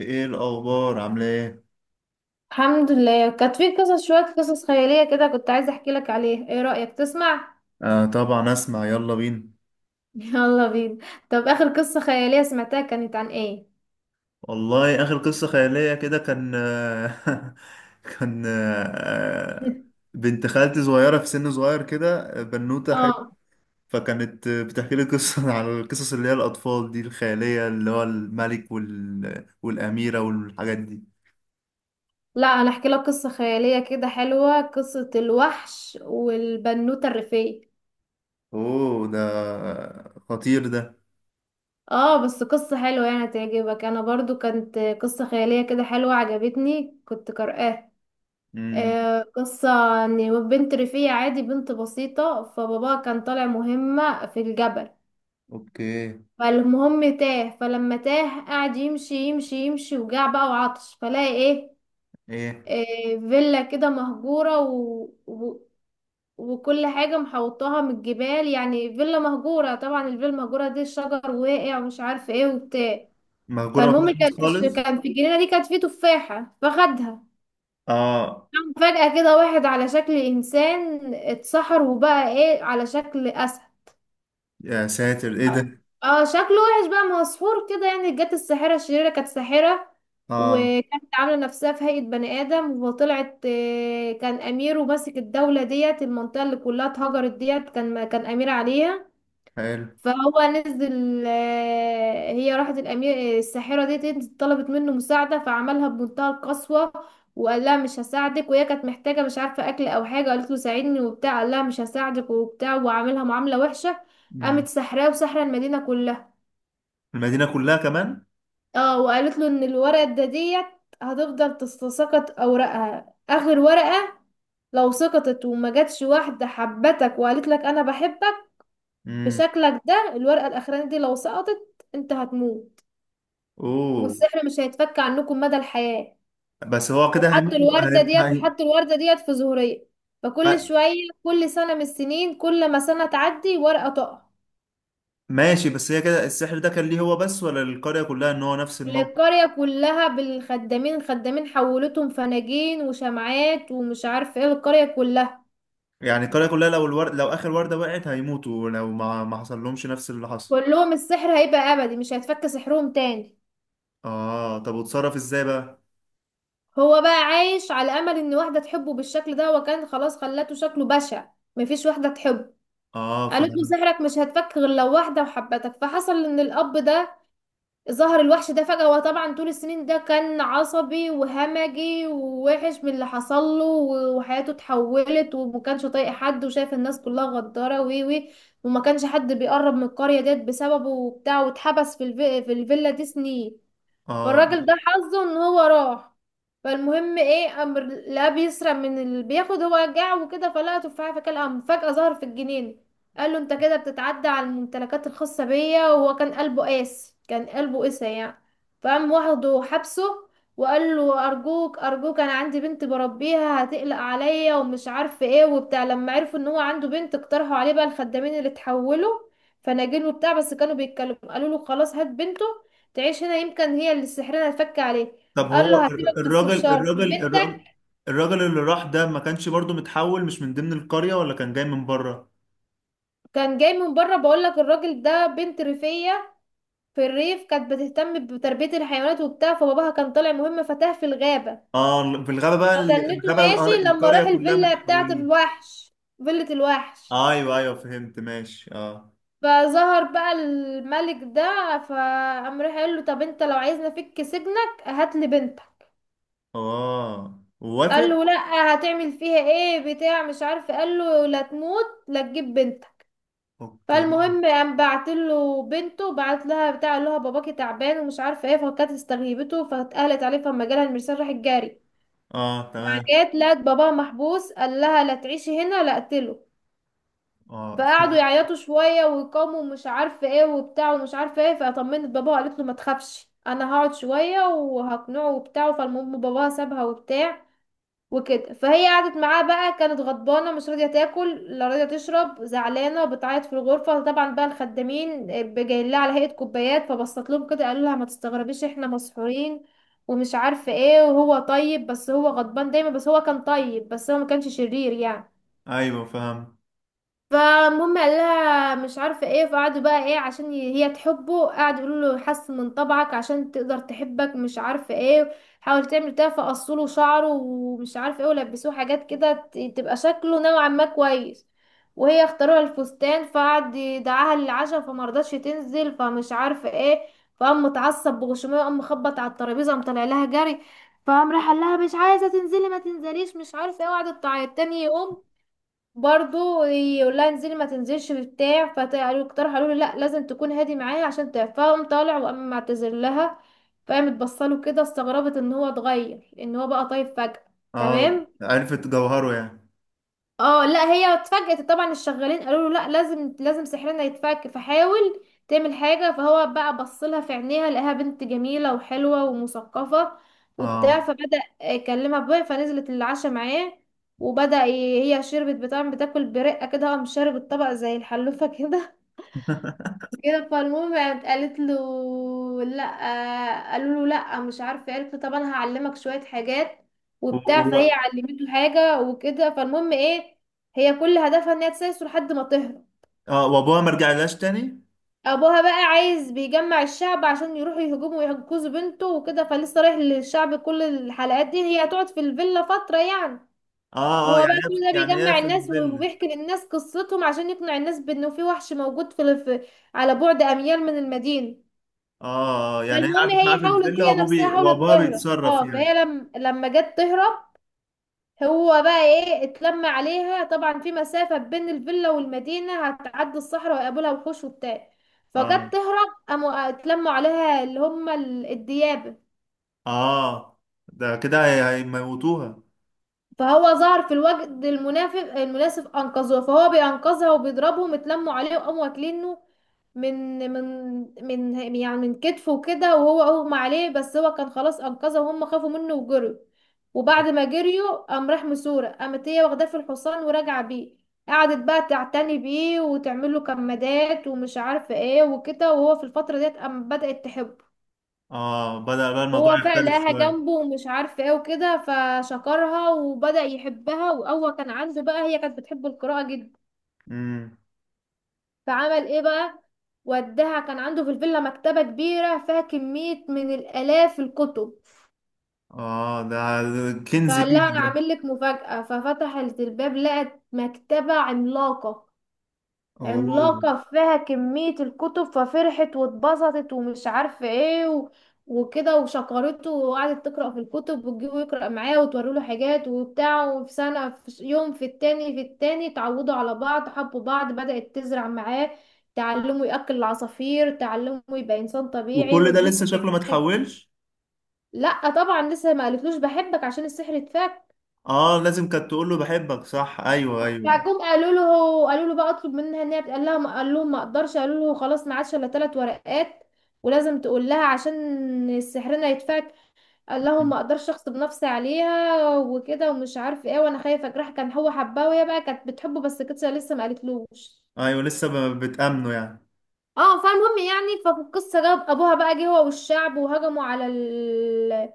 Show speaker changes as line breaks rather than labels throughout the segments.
ايه الاخبار عامله ايه؟
الحمد لله. كانت في قصص، شوية قصص خيالية كده، كنت عايزة احكي لك عليها. ايه رأيك تسمع؟
آه، طبعا اسمع، يلا بينا.
يلا بينا. طب آخر قصة خيالية سمعتها كانت عن ايه؟
والله اخر قصه خياليه كده كان كان بنت خالتي صغيره في سن صغير كده، بنوته حلوه.
اه،
فكانت بتحكي لي قصه على القصص اللي هي الاطفال دي الخياليه، اللي هو الملك والاميره والحاجات دي.
لا انا احكي لك قصة خيالية كده حلوة، قصة الوحش والبنوتة الريفية.
اوه، ده خطير ده.
اه بس قصة حلوة يعني تعجبك، انا برضو كانت قصة خيالية كده حلوة عجبتني، كنت قارئاها.
امم.
قصة ان بنت ريفية عادي، بنت بسيطة، فباباها كان طالع مهمة في الجبل.
اوكي.
فالمهم تاه، فلما تاه قعد يمشي يمشي يمشي وجاع بقى وعطش، فلاقي ايه,
ايه؟
إيه فيلا كده مهجورة وكل حاجة محوطاها من الجبال، يعني فيلا مهجورة. طبعا الفيلا المهجورة دي الشجر واقع ومش عارف ايه وبتاع.
مهجوره ما
فالمهم
فيهاش ناس خالص.
كان في الجنينة دي كانت فيه تفاحة فخدها.
اه.
قام فجأة كده واحد على شكل إنسان اتسحر وبقى ايه، على شكل أسد.
يا ساتر، ايه ده!
اه شكله وحش بقى، ما هو سحور كده، يعني جت الساحرة الشريرة، كانت ساحرة
اه.
وكانت عاملة نفسها في هيئة بني آدم وطلعت. كان أمير وماسك الدولة ديت، المنطقة اللي كلها اتهجرت ديت كان أمير عليها.
حلو.
فهو نزل، هي راحت الأمير، الساحرة ديت طلبت منه مساعدة، فعملها بمنتهى القسوة وقال لها مش هساعدك. وهي كانت محتاجة، مش عارفة أكل أو حاجة، قالت له ساعدني وبتاع، قال لها مش هساعدك وبتاع، وعاملها معاملة وحشة. قامت
مم.
سحراه وسحرة المدينة كلها.
المدينة كلها كمان؟
اه وقالت له ان الورقة ده ديت هتفضل تتساقط اوراقها، اخر ورقة لو سقطت وما جاتش واحدة حبتك وقالت لك انا بحبك
مم.
بشكلك ده، الورقة الاخرانية دي لو سقطت انت هتموت
اوه.
والسحر مش هيتفك عنكم مدى الحياة.
بس هو كده
وحط
هيموت.
الوردة ديت وحط الوردة ديت في زهرية. فكل
هي...
شوية، كل سنة من السنين، كل ما سنة تعدي ورقة تقع.
ماشي، بس هي كده السحر ده كان ليه هو بس، ولا القرية كلها ان هو نفس الموقف؟
القرية كلها بالخدامين، خدامين حولتهم فناجين وشمعات ومش عارف ايه، القرية كلها.
يعني القرية كلها لو الورد، لو اخر وردة وقعت هيموتوا، لو ما حصل لهمش نفس اللي حصل.
قول لهم السحر هيبقى أبدي، مش هيتفك سحرهم تاني.
اه، طب وتصرف ازاي بقى؟
هو بقى عايش على أمل إن واحدة تحبه بالشكل ده، وكان خلاص خلته شكله بشع، مفيش واحدة تحبه.
اه،
قالت له
فاهم.
سحرك مش هيتفك غير لو واحدة وحبتك. فحصل إن الأب ده ظهر الوحش ده فجأة، وطبعا طول السنين ده كان عصبي وهمجي ووحش من اللي حصل له وحياته اتحولت، وما كانش طايق حد، وشايف الناس كلها غدارة وي وي وما كانش حد بيقرب من القرية ديت بسببه وبتاع، واتحبس في الفيلا دي سنين.
اه،
فالراجل ده حظه ان هو راح. فالمهم ايه، امر لا بيسرق من اللي بياخد، هو رجع وكده، فلقى تفاحه فكلها، قام فجاه ظهر في الجنينه. قال له انت كده بتتعدى على الممتلكات الخاصه بيا. وهو كان قلبه قاسي، كان قلبه قسى يعني. فقام واخده حبسه. وقال له ارجوك ارجوك انا عندي بنت بربيها، هتقلق عليا ومش عارف ايه وبتاع. لما عرفوا ان هو عنده بنت، اقترحوا عليه بقى الخدامين اللي اتحولوا فناجين وبتاع، بس كانوا بيتكلموا، قالوا له خلاص هات بنته تعيش هنا، يمكن هي اللي سحرنا الفك عليه.
طب
قال له
هو الر-
هسيبك بس
الراجل
بشرط
الراجل
بنتك.
الراجل الراجل اللي راح ده ما كانش برضو متحول، مش من ضمن القرية ولا كان جاي من بره؟
كان جاي من بره، بقول لك الراجل ده، بنت ريفية في الريف كانت بتهتم بتربية الحيوانات وبتاع، فباباها كان طالع مهم فتاه في الغابة.
اه، في الغابة بقى
فتنته
الغابة
ماشي لما
القرية
راح
كلها
الفيلا بتاعة
متحولين.
الوحش، فيلة الوحش.
ايوه ايوه، فهمت، ماشي، اه.
فظهر بقى الملك ده، فقام راح قال له طب انت لو عايزنا فك سجنك هات لي بنتك.
اه، وافق.
قال له لا، هتعمل فيها ايه بتاع مش عارف، قال له لا تموت لا تجيب بنتك.
اوكي.
فالمهم قام بعت له بنته، بعت لها بتاع اللي هو باباكي تعبان ومش عارفه ايه، فكانت استغيبته فاتقلت عليه، فما جالها المرسال راحت جاري.
اه، تمام.
جت لقت باباها محبوس، قال لها لا تعيشي هنا لا اقتله.
اه
فقعدوا يعيطوا شويه ويقاموا ومش عارفه ايه وبتاع ومش عارفه ايه. فطمنت باباها وقالت له ما تخافش، انا هقعد شويه وهقنعه وبتاع. فالمهم باباها سابها وبتاع وكده. فهي قعدت معاه بقى، كانت غضبانه مش راضيه تاكل لا راضيه تشرب، زعلانه بتعيط في الغرفه. طبعا بقى الخدامين جايين لها على هيئه كوبايات، فبصت لهم كده، قالوا لها ما تستغربيش احنا مسحورين ومش عارفه ايه، وهو طيب بس هو غضبان دايما، بس هو كان طيب، بس هو ما كانش شرير يعني.
ايوه، فهم.
فالمهم قال لها مش عارفه ايه. فقعدوا بقى ايه عشان هي تحبه، قعدوا يقولوا له حسن من طبعك عشان تقدر تحبك، مش عارفه ايه، حاول تعمل كده. فقصوا له شعره ومش عارفه ايه، ولبسوه حاجات كده تبقى شكله نوعا ما كويس، وهي اختاروها الفستان. فقعد يدعاها للعشاء فمرضتش تنزل، فمش عارفه ايه. فقام متعصب بغشوميه، وقام مخبط على الترابيزه، قام طالع لها جري. فقام راح قال لها مش عايزه تنزلي ما تنزليش مش عارفه ايه. وقعدت تعيط. تاني يوم برضو يقول لها انزلي ما تنزلش في بتاع. فاقترحوا قالوا له لا، لازم تكون هادي معايا عشان تعرف. فقام طالع وقام معتذر لها. فقامت بصله كده، استغربت ان هو اتغير، ان هو بقى طيب فجأة.
اه،
تمام.
عرفت جوهره يعني.
اه لا هي اتفاجئت طبعا. الشغالين قالوا له لا لازم سحرنا يتفك، فحاول تعمل حاجة. فهو بقى بصلها في عينيها لقاها بنت جميلة وحلوة ومثقفة
اه.
وبتاع، فبدأ يكلمها بقى. فنزلت العشاء معاه وبدأ هي شربت بتاع، بتاكل برقة كده، قام شارب الطبق زي الحلوفة كده كده. فالمهم قامت قالت له لا، قالوا له لا مش عارفه، قالت له طب انا هعلمك شويه حاجات
و...
وبتاع. فهي
و...
علمته حاجه وكده. فالمهم ايه، هي كل هدفها ان هي تسيسه لحد ما تهرب.
اه، وابوها ما رجعلهاش تاني؟
ابوها بقى عايز بيجمع الشعب عشان يروحوا يهجموا ويحجزوا بنته وكده، فلسه رايح للشعب. كل الحلقات دي هي هتقعد في الفيلا فتره يعني. هو
اه اه، يعني
بقى كل
هي
ده بيجمع
في
الناس
الفيلا.
وبيحكي للناس قصتهم عشان يقنع الناس بانه في وحش موجود على بعد اميال من المدينه.
اه، يعني هي
فالمهم
قعدت معاه في
هي حاولت،
الفيلا،
هي
وابوه
نفسها حاولت
وابوها
تهرب.
بيتصرف
اه
يعني.
فهي لم... لما جت تهرب هو بقى ايه اتلم عليها. طبعا في مسافة بين الفيلا والمدينة، هتعدي الصحراء ويقابلها وحوش وبتاع. فجت
اه.
تهرب قاموا اتلموا عليها، اللي هم الديابة.
اه، ده كده هيموتوها.
فهو ظهر في الوقت المنافق المناسب، انقذوها. فهو بينقذها وبيضربهم، اتلموا عليه وقاموا واكلينه من يعني من كتفه كده، وهو اغمى عليه، بس هو كان خلاص انقذه، وهم خافوا منه وجروا. وبعد ما جريوا قام راح مسورة، قامت هي واخداه في الحصان وراجعة بيه. قعدت بقى تعتني بيه وتعمل له كمادات ومش عارفة ايه وكده. وهو في الفترة ديت قام بدأت تحبه.
اه، بدأ بقى الموضوع
وهو فعلا
يختلف
لقاها
شوية.
جنبه ومش عارفة ايه وكده، فشكرها وبدأ يحبها. وأول كان عنده بقى، هي كانت بتحب القراءة جدا،
امم.
فعمل ايه بقى، وداها. كان عنده في الفيلا مكتبة كبيرة فيها كمية من الآلاف الكتب.
اه، ده كنز
فقال
ليها
لها أنا
ده.
عامل لك مفاجأة، ففتحت الباب لقت مكتبة عملاقة،
اوه.
عملاقة، فيها كمية الكتب. ففرحت واتبسطت ومش عارفة ايه وكده، وشكرته، وقعدت تقرأ في الكتب وتجيبه يقرأ معايا وتوري له حاجات وبتاع. وفي سنة يوم في التاني في التاني اتعودوا على بعض، حبوا بعض، بدأت تزرع معاه، تعلمه يأكل العصافير، تعلمه يبقى إنسان طبيعي،
وكل ده
وتبص
لسه
في
شكله ما
عينيه.
اتحولش؟
لا طبعا لسه ما قالتلوش بحبك عشان السحر اتفك.
اه، لازم كانت تقول له بحبك صح، ايوه ايوه.
فجم قالوا له، قالوا له بقى اطلب منها ان قال لها ما قال لهم ما اقدرش. قالوا له خلاص ما عادش الا ثلاث ورقات ولازم تقول لها عشان سحرنا يتفك. قال لهم ما اقدرش اغصب نفسي عليها وكده ومش عارف ايه، وانا خايفه اجرح. كان هو حباه، وهي بقى كانت بتحبه بس كده، لسه ما قالتلوش.
ايوه، لسه بتأمنه يعني.
اه فالمهم يعني، ففي القصه جاب ابوها بقى، جه هو والشعب وهجموا على ال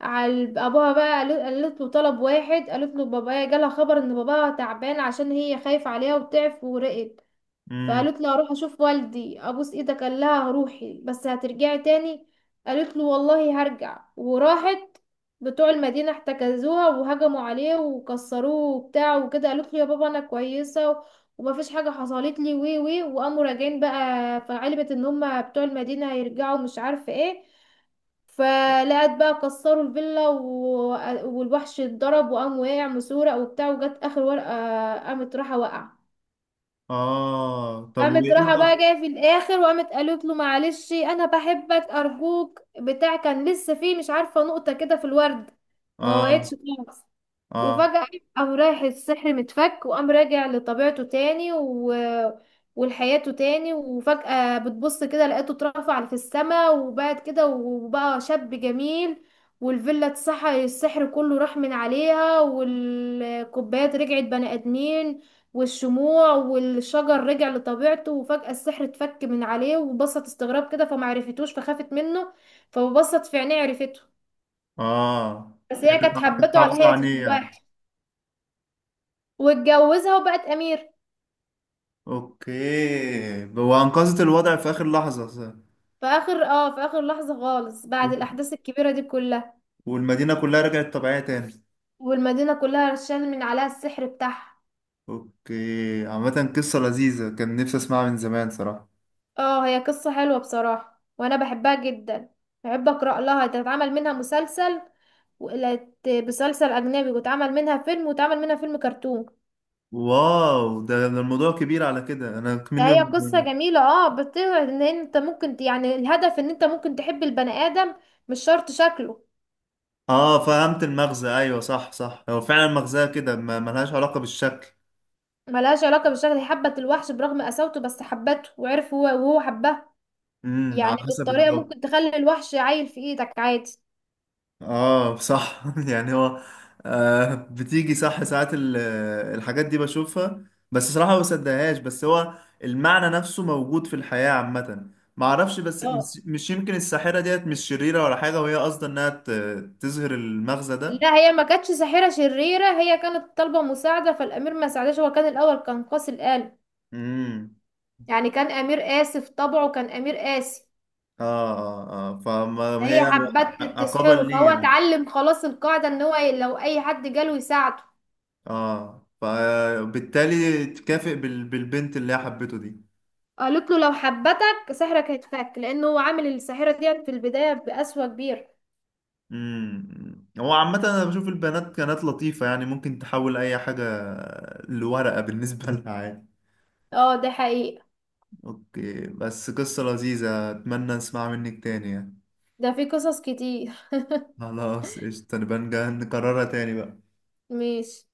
على ال- ابوها بقى قالت له طلب واحد، قالت له بابايا جالها خبر ان باباها تعبان، عشان هي خايفه عليها وتعب ورقت.
امم.
فقالت له هروح اشوف والدي، ابوس ايدك، قال لها روحي بس هترجعي تاني. قالت له والله هرجع. وراحت. بتوع المدينة احتكزوها وهجموا عليه وكسروه وبتاع وكده. قالت له يا بابا انا كويسة وما فيش حاجة حصلت لي وي وي. وقاموا راجعين بقى، فعلمت ان هما بتوع المدينة هيرجعوا مش عارفة ايه. فلقت بقى كسروا الفيلا والوحش اتضرب، وقام واقع مسورق وبتاع، وجت اخر ورقة. قامت راحة وقع،
اه، طب
قامت
وايه
راحة بقى جاية في الآخر، وقامت قالت له معلش أنا بحبك أرجوك بتاع. كان لسه فيه مش عارفة نقطة كده في الورد، ما وعدتش
اه.
خالص.
اه.
وفجأة قام رايح السحر متفك، وقام راجع لطبيعته تاني ولحياته تاني. وفجأة بتبص كده لقيته اترفع في السماء، وبعد كده وبقى شاب جميل. والفيلا اتسحر السحر كله راح من عليها، والكوبايات رجعت بني آدمين، والشموع والشجر رجع لطبيعته. وفجأة السحر اتفك من عليه، وبصت استغراب كده فمعرفتوش فخافت منه، فبصت في عينيه عرفته.
اه.
بس
هي
هي
كانت
كانت
كانت
حبته على
حافظة
هيئة
عليه يعني.
الوحش. واتجوزها وبقت امير.
اوكي، وانقذت الوضع في اخر لحظة صح؟
في اخر، اه في اخر لحظة خالص، بعد الاحداث الكبيرة دي كلها.
والمدينة كلها رجعت طبيعية تاني؟
والمدينة كلها رشان من عليها السحر بتاعها.
اوكي، عامة قصة لذيذة، كان نفسي اسمعها من زمان صراحة.
اه هي قصة حلوة بصراحة وانا بحبها جدا. بحب اقرا لها، تتعمل منها مسلسل، وقلت مسلسل اجنبي، واتعمل منها فيلم، واتعمل منها فيلم كرتون.
واو، ده الموضوع كبير على كده انا
ده
مني.
هي قصة جميلة، اه بتقعد ان انت ممكن يعني الهدف ان انت ممكن تحب البني ادم، مش شرط شكله.
اه، فهمت المغزى، ايوه صح صح، هو فعلا مغزاها كده ما ملهاش علاقة بالشكل.
ملهاش علاقة بالشكل، هي حبت الوحش برغم قساوته بس حبته، وعرف هو، وهو حبها.
امم،
يعني
على حسب
بالطريقة
الجو.
ممكن تخلي الوحش عايل في ايدك عادي.
اه صح، يعني هو. آه، بتيجي صح ساعات الحاجات دي بشوفها. بس صراحة ما بصدقهاش، بس هو. المعنى نفسه موجود في الحياة عامة. ما اعرفش، بس
اه
مش يمكن الساحرة ديت مش شريرة ولا حاجة، وهي قصدها انها تظهر المغزى ده.
لا هي ما كانتش ساحرة شريرة، هي كانت طالبة مساعدة، فالأمير ما ساعدهاش، هو كان الأول كان قاسي القلب،
امم.
يعني كان أمير قاسي في طبعه، كان أمير قاسي.
اه. اه. اه، فما هي
فهي حبت
عقابا
تسحره، فهو
ليه يعني.
اتعلم خلاص القاعدة ان هو لو أي حد جاله يساعده.
اه، فبالتالي تكافئ بالبنت اللي هي حبته دي.
قالت له لو حبتك سحرك هيتفك، لأنه هو عامل الساحرة دي في البداية بقسوة كبيرة.
امم، هو عامة أنا بشوف البنات كانت لطيفة، يعني ممكن تحول أي حاجة لورقة بالنسبة لها عادي.
اه ده حقيقة.
أوكي، بس قصة لذيذة أتمنى نسمع منك تاني يعني.
ده في قصص كتير.
خلاص قشطة، نبقى نكررها تاني بقى.
ماشي.